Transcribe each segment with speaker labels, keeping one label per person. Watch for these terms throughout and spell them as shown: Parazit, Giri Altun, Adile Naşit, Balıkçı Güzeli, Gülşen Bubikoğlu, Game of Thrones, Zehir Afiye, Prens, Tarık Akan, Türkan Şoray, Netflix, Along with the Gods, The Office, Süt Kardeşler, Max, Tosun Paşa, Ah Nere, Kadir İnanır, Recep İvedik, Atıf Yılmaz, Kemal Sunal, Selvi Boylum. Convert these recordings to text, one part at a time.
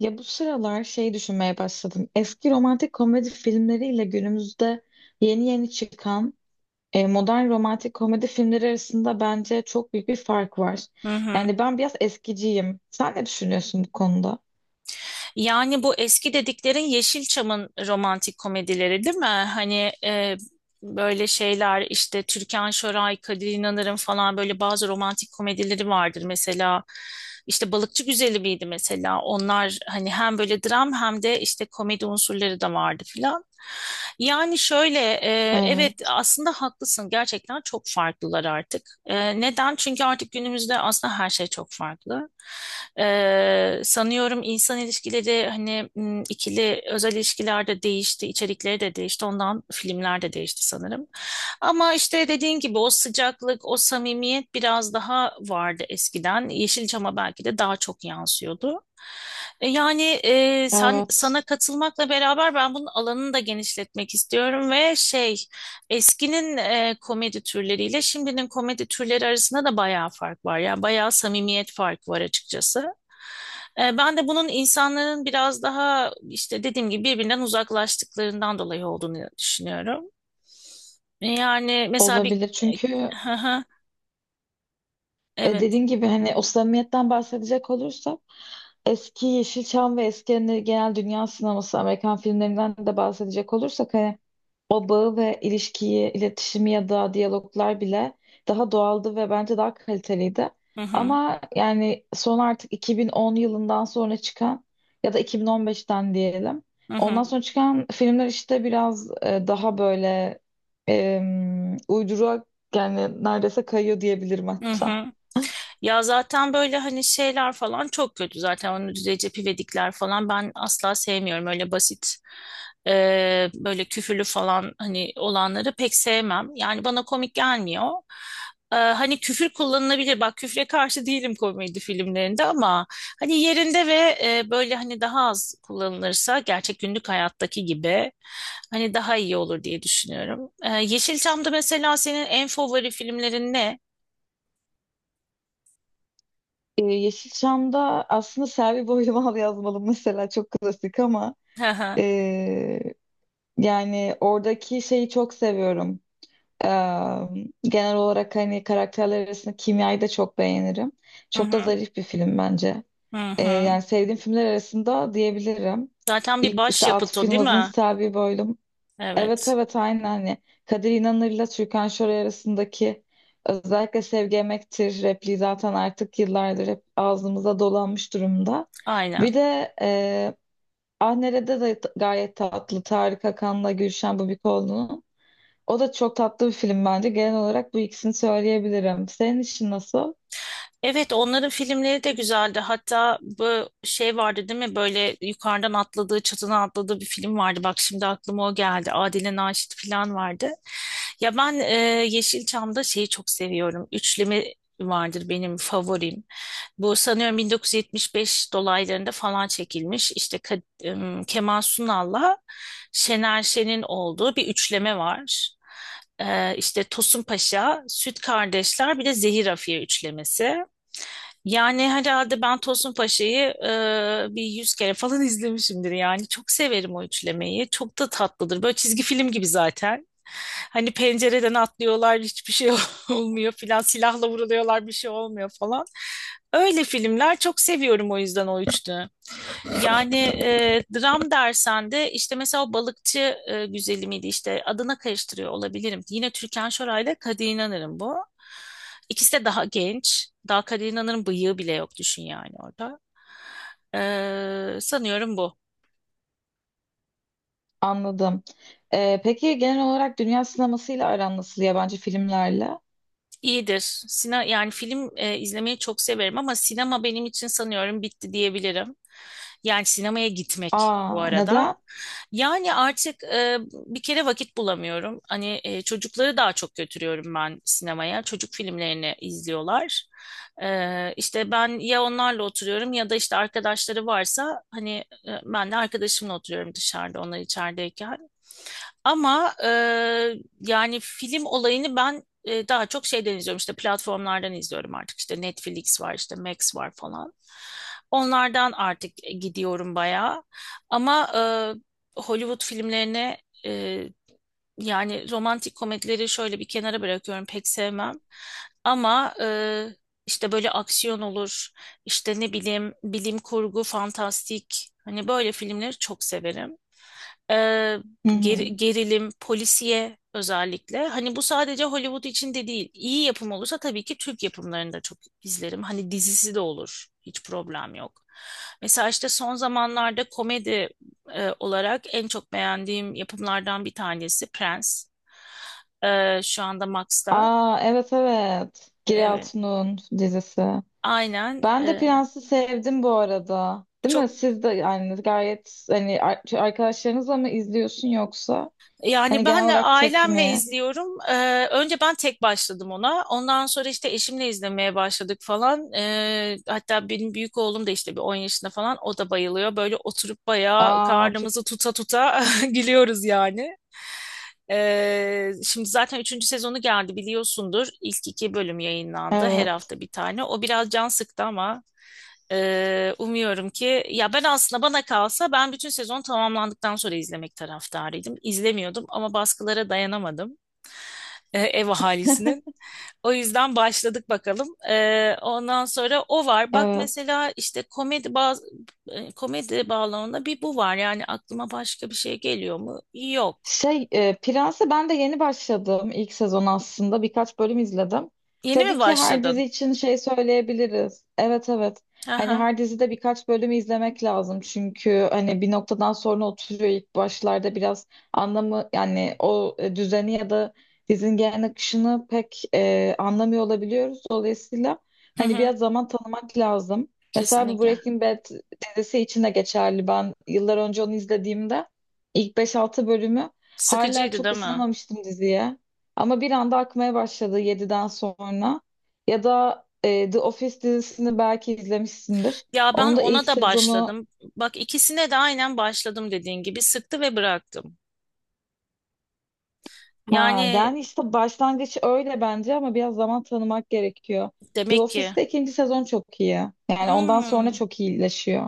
Speaker 1: Ya bu sıralar şey düşünmeye başladım. Eski romantik komedi filmleriyle günümüzde yeni yeni çıkan modern romantik komedi filmleri arasında bence çok büyük bir fark var.
Speaker 2: Hı hı.
Speaker 1: Yani ben biraz eskiciyim. Sen ne düşünüyorsun bu konuda?
Speaker 2: Yani bu eski dediklerin Yeşilçam'ın romantik komedileri değil mi? Hani böyle şeyler işte Türkan Şoray, Kadir İnanır'ın falan böyle bazı romantik komedileri vardır. Mesela işte Balıkçı Güzeli miydi mesela? Onlar hani hem böyle dram hem de işte komedi unsurları da vardı filan. Yani şöyle evet
Speaker 1: Evet,
Speaker 2: aslında haklısın gerçekten çok farklılar artık. Neden? Çünkü artık günümüzde aslında her şey çok farklı. Sanıyorum insan ilişkileri hani ikili özel ilişkilerde değişti, içerikleri de değişti. Ondan filmler de değişti sanırım. Ama işte dediğin gibi o sıcaklık, o samimiyet biraz daha vardı eskiden. Yeşilçam'a belki de daha çok yansıyordu. Yani sen
Speaker 1: evet.
Speaker 2: sana katılmakla beraber ben bunun alanını da genişletmek istiyorum ve şey. Eskinin komedi türleriyle şimdinin komedi türleri arasında da bayağı fark var. Yani bayağı samimiyet farkı var açıkçası. Ben de bunun insanların biraz daha işte dediğim gibi birbirinden uzaklaştıklarından dolayı olduğunu düşünüyorum. Yani mesela bir...
Speaker 1: Olabilir çünkü
Speaker 2: Evet.
Speaker 1: Dediğin gibi hani o samimiyetten bahsedecek olursam eski Yeşilçam ve eski hani genel dünya sineması Amerikan filmlerinden de bahsedecek olursak hani o bağı ve ilişkiyi, iletişimi ya da diyaloglar bile daha doğaldı ve bence daha kaliteliydi.
Speaker 2: Hı hı.
Speaker 1: Ama yani son artık 2010 yılından sonra çıkan ya da 2015'ten diyelim.
Speaker 2: Hı
Speaker 1: Ondan
Speaker 2: hı.
Speaker 1: sonra çıkan filmler işte biraz daha böyle e, uyduruğa yani neredeyse kayıyor diyebilirim
Speaker 2: Hı
Speaker 1: hatta.
Speaker 2: hı. Ya zaten böyle hani şeyler falan çok kötü zaten onun Recep İvedikler falan ben asla sevmiyorum öyle basit böyle küfürlü falan hani olanları pek sevmem yani bana komik gelmiyor. Hani küfür kullanılabilir bak küfre karşı değilim komedi filmlerinde ama hani yerinde ve böyle hani daha az kullanılırsa gerçek günlük hayattaki gibi hani daha iyi olur diye düşünüyorum. Yeşilçam'da mesela senin en favori filmlerin ne?
Speaker 1: Yeşilçam'da aslında Selvi Boylumal yazmalı mesela çok klasik ama ee, yani oradaki şeyi çok seviyorum. Ee, genel olarak hani karakterler arasında kimyayı da çok beğenirim.
Speaker 2: Hı
Speaker 1: Çok da
Speaker 2: hı.
Speaker 1: zarif bir film bence.
Speaker 2: Hı
Speaker 1: Ee,
Speaker 2: hı.
Speaker 1: yani sevdiğim filmler arasında diyebilirim.
Speaker 2: Zaten bir
Speaker 1: İlk işte
Speaker 2: başyapıt
Speaker 1: Atıf
Speaker 2: o değil
Speaker 1: Yılmaz'ın
Speaker 2: mi?
Speaker 1: Selvi Boylum. Evet,
Speaker 2: Evet.
Speaker 1: evet, aynen hani Kadir İnanır'la Türkan Şoray arasındaki özellikle Sevgi Emektir repliği zaten artık yıllardır hep ağzımıza dolanmış durumda.
Speaker 2: Aynen.
Speaker 1: Bir de Ah Nere'de de gayet tatlı Tarık Akan'la Gülşen Bubikoğlu'nun. O da çok tatlı bir film bence. Genel olarak bu ikisini söyleyebilirim. Senin için nasıl?
Speaker 2: Evet onların filmleri de güzeldi. Hatta bu şey vardı değil mi? Böyle yukarıdan atladığı, çatına atladığı bir film vardı. Bak şimdi aklıma o geldi. Adile Naşit falan vardı. Ya ben e, Yeşilçam'da şeyi çok seviyorum. Üçleme vardır benim favorim. Bu sanıyorum 1975 dolaylarında falan çekilmiş. İşte Kemal Sunal'la Şener Şen'in olduğu bir üçleme var. İşte Tosun Paşa, Süt Kardeşler bir de Zehir Afiye üçlemesi. Yani herhalde ben Tosun Paşa'yı bir 100 kere falan izlemişimdir yani. Çok severim o üçlemeyi. Çok da tatlıdır. Böyle çizgi film gibi zaten. Hani pencereden atlıyorlar hiçbir şey olmuyor filan. Silahla vuruluyorlar bir şey olmuyor falan. Öyle filmler çok seviyorum o yüzden o üçlü. Yani dram dersen de işte mesela o balıkçı güzeli miydi işte adına karıştırıyor olabilirim. Yine Türkan Şoray ile Kadir İnanır'ın bu. İkisi de daha genç. Daha Kadir İnanır'ın bıyığı bile yok düşün yani orada. Sanıyorum bu.
Speaker 1: Anladım. Peki genel olarak dünya sinemasıyla aran nasıl yabancı filmlerle?
Speaker 2: İyidir. Yani film izlemeyi çok severim ama sinema benim için sanıyorum bitti diyebilirim. Yani sinemaya gitmek bu
Speaker 1: Aa,
Speaker 2: arada.
Speaker 1: neden?
Speaker 2: Yani artık bir kere vakit bulamıyorum. Hani çocukları daha çok götürüyorum ben sinemaya. Çocuk filmlerini izliyorlar. İşte ben ya onlarla oturuyorum ya da işte arkadaşları varsa hani ben de arkadaşımla oturuyorum dışarıda onlar içerideyken. Ama yani film olayını ben daha çok şeyden izliyorum. İşte platformlardan izliyorum artık. İşte Netflix var, işte Max var falan. Onlardan artık gidiyorum bayağı. Ama Hollywood filmlerine e, yani romantik komedileri şöyle bir kenara bırakıyorum. Pek sevmem. Ama işte böyle aksiyon olur. işte ne bileyim bilim kurgu, fantastik. Hani böyle filmleri çok severim e,
Speaker 1: Hı hı.
Speaker 2: gerilim, polisiye özellikle. Hani bu sadece Hollywood için de değil. İyi yapım olursa tabii ki Türk yapımlarını da çok izlerim. Hani dizisi de olur. Hiç problem yok. Mesela işte son zamanlarda komedi olarak en çok beğendiğim yapımlardan bir tanesi Prens. Şu anda Max'ta.
Speaker 1: Aa, evet, evet. Giri
Speaker 2: Evet.
Speaker 1: Altun'un dizisi.
Speaker 2: Aynen.
Speaker 1: Ben de
Speaker 2: e,
Speaker 1: Prens'i sevdim bu arada. Değil
Speaker 2: çok
Speaker 1: mi? Siz de yani gayet hani arkadaşlarınızla mı izliyorsun yoksa? Hani
Speaker 2: Yani
Speaker 1: genel
Speaker 2: ben de
Speaker 1: olarak tek
Speaker 2: ailemle
Speaker 1: mi?
Speaker 2: izliyorum. Önce ben tek başladım ona. Ondan sonra işte eşimle izlemeye başladık falan. Hatta benim büyük oğlum da işte bir 10 yaşında falan o da bayılıyor. Böyle oturup bayağı
Speaker 1: Aa, çok
Speaker 2: karnımızı tuta tuta gülüyoruz yani. Şimdi zaten üçüncü sezonu geldi biliyorsundur. İlk iki bölüm yayınlandı. Her
Speaker 1: evet.
Speaker 2: hafta bir tane. O biraz can sıktı ama umuyorum ki ya ben aslında bana kalsa ben bütün sezon tamamlandıktan sonra izlemek taraftarıydım. İzlemiyordum ama baskılara dayanamadım ev ahalisinin. O yüzden başladık bakalım. Ondan sonra o var. Bak
Speaker 1: Evet.
Speaker 2: mesela işte komedi bağlamında bir bu var. Yani aklıma başka bir şey geliyor mu? Yok.
Speaker 1: Şey, Prens'e ben de yeni başladım ilk sezon aslında. Birkaç bölüm izledim.
Speaker 2: Yeni
Speaker 1: Tabii
Speaker 2: mi
Speaker 1: ki her dizi
Speaker 2: başladın?
Speaker 1: için şey söyleyebiliriz. Evet, evet. Hani
Speaker 2: Aha.
Speaker 1: her dizide birkaç bölümü izlemek lazım. Çünkü hani bir noktadan sonra oturuyor ilk başlarda biraz anlamı yani o düzeni ya da dizinin genel akışını pek anlamıyor olabiliyoruz. Dolayısıyla
Speaker 2: Hı
Speaker 1: hani
Speaker 2: hı.
Speaker 1: biraz zaman tanımak lazım. Mesela bu
Speaker 2: Kesinlikle.
Speaker 1: Breaking Bad dizisi için de geçerli. Ben yıllar önce onu izlediğimde ilk beş altı bölümü hala
Speaker 2: Sıkıcıydı
Speaker 1: çok
Speaker 2: değil mi?
Speaker 1: ısınamamıştım diziye. Ama bir anda akmaya başladı yediden sonra. Ya da The Office dizisini belki izlemişsindir.
Speaker 2: Ya ben
Speaker 1: Onun da ilk
Speaker 2: ona da
Speaker 1: sezonu
Speaker 2: başladım. Bak ikisine de aynen başladım dediğin gibi sıktı ve bıraktım.
Speaker 1: ha
Speaker 2: Yani
Speaker 1: yani işte başlangıç öyle bence ama biraz zaman tanımak gerekiyor. The
Speaker 2: demek ki
Speaker 1: Office'te ikinci sezon çok iyi. Yani ondan sonra
Speaker 2: hmm.
Speaker 1: çok iyileşiyor.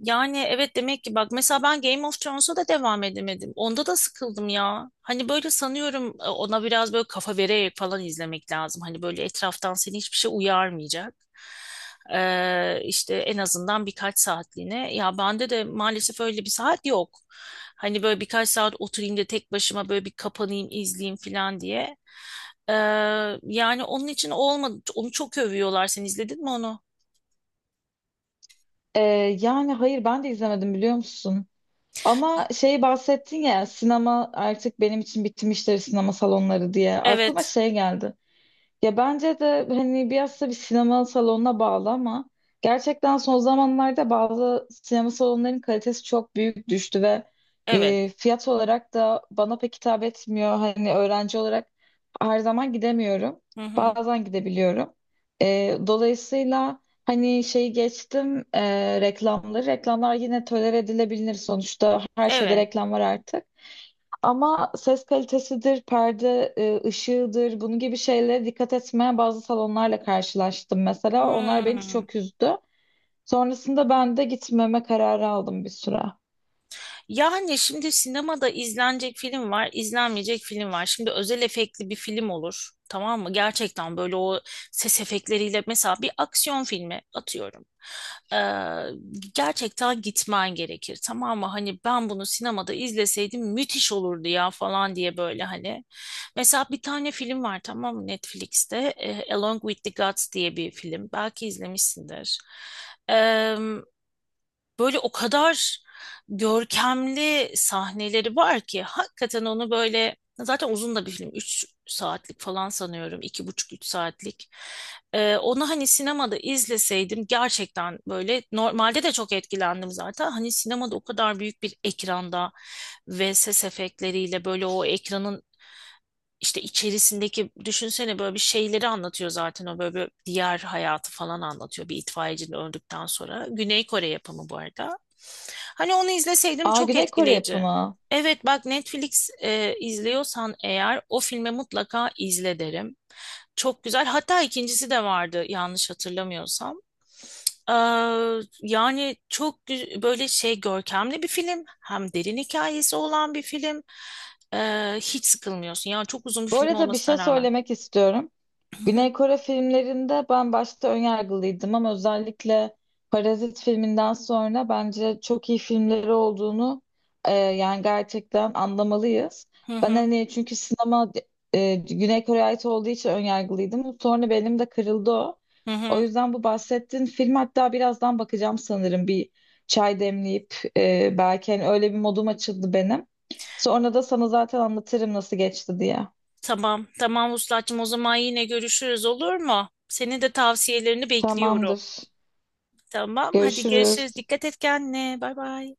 Speaker 2: Yani evet demek ki bak mesela ben Game of Thrones'a da devam edemedim. Onda da sıkıldım ya. Hani böyle sanıyorum ona biraz böyle kafa vererek falan izlemek lazım. Hani böyle etraftan seni hiçbir şey uyarmayacak. İşte en azından birkaç saatliğine. Ya bende de maalesef öyle bir saat yok. Hani böyle birkaç saat oturayım da tek başıma böyle bir kapanayım izleyeyim falan diye. Ee, Yani onun için olmadı. Onu çok övüyorlar. Sen izledin mi onu?
Speaker 1: Ee, yani hayır ben de izlemedim biliyor musun? Ama şey bahsettin ya sinema artık benim için bitmiştir sinema salonları diye. Aklıma
Speaker 2: Evet.
Speaker 1: şey geldi. Ya bence de hani biraz da bir sinema salonuna bağlı ama gerçekten son zamanlarda bazı sinema salonlarının kalitesi çok büyük düştü ve
Speaker 2: Evet.
Speaker 1: fiyat olarak da bana pek hitap etmiyor. Hani öğrenci olarak her zaman gidemiyorum.
Speaker 2: Hı hı.
Speaker 1: Bazen gidebiliyorum. Dolayısıyla hani şeyi geçtim reklamları. Reklamlar yine tolere edilebilir sonuçta. Her şeyde
Speaker 2: Evet.
Speaker 1: reklam var artık. Ama ses kalitesidir, perde ışığıdır, bunun gibi şeylere dikkat etmeyen bazı salonlarla karşılaştım mesela. Onlar beni
Speaker 2: Hmm.
Speaker 1: çok üzdü. Sonrasında ben de gitmeme kararı aldım bir süre.
Speaker 2: Yani şimdi sinemada izlenecek film var, izlenmeyecek film var. Şimdi özel efektli bir film olur. Tamam mı? Gerçekten böyle o ses efektleriyle mesela bir aksiyon filmi atıyorum. Ee, Gerçekten gitmen gerekir. Tamam mı? Hani ben bunu sinemada izleseydim müthiş olurdu ya falan diye böyle hani. Mesela bir tane film var tamam mı Netflix'te. Along with the Gods diye bir film. Belki izlemişsindir. Böyle o kadar görkemli sahneleri var ki hakikaten onu böyle zaten uzun da bir film 3 saatlik falan sanıyorum iki buçuk üç saatlik. Onu hani sinemada izleseydim gerçekten böyle normalde de çok etkilendim zaten hani sinemada o kadar büyük bir ekranda ve ses efektleriyle böyle o ekranın işte içerisindeki düşünsene böyle bir şeyleri anlatıyor zaten o böyle bir diğer hayatı falan anlatıyor bir itfaiyecinin öldükten sonra. Güney Kore yapımı bu arada. Hani onu izleseydim
Speaker 1: Aa,
Speaker 2: çok
Speaker 1: Güney Kore
Speaker 2: etkileyici.
Speaker 1: yapımı.
Speaker 2: Evet bak Netflix izliyorsan eğer o filmi mutlaka izle derim. Çok güzel. Hatta ikincisi de vardı yanlış hatırlamıyorsam. Ee, Yani çok böyle şey görkemli bir film. Hem derin hikayesi olan bir film. Hiç sıkılmıyorsun. Yani çok uzun bir
Speaker 1: Bu
Speaker 2: film
Speaker 1: arada bir şey
Speaker 2: olmasına rağmen.
Speaker 1: söylemek istiyorum. Güney Kore filmlerinde ben başta önyargılıydım ama özellikle Parazit filminden sonra bence çok iyi filmleri olduğunu yani gerçekten anlamalıyız.
Speaker 2: Hı
Speaker 1: Ben
Speaker 2: hı,
Speaker 1: hani çünkü sinema Güney Kore'ye ait olduğu için önyargılıydım. Sonra benim de kırıldı o.
Speaker 2: hı hı.
Speaker 1: O
Speaker 2: hı.
Speaker 1: yüzden bu bahsettiğin film hatta birazdan bakacağım sanırım bir çay demleyip belki hani öyle bir modum açıldı benim. Sonra da sana zaten anlatırım nasıl geçti diye.
Speaker 2: Tamam, tamam Vuslat'cığım o zaman yine görüşürüz olur mu? Senin de tavsiyelerini bekliyorum.
Speaker 1: Tamamdır.
Speaker 2: Tamam, hadi
Speaker 1: Görüşürüz.
Speaker 2: görüşürüz. Dikkat et kendine. Bay bay.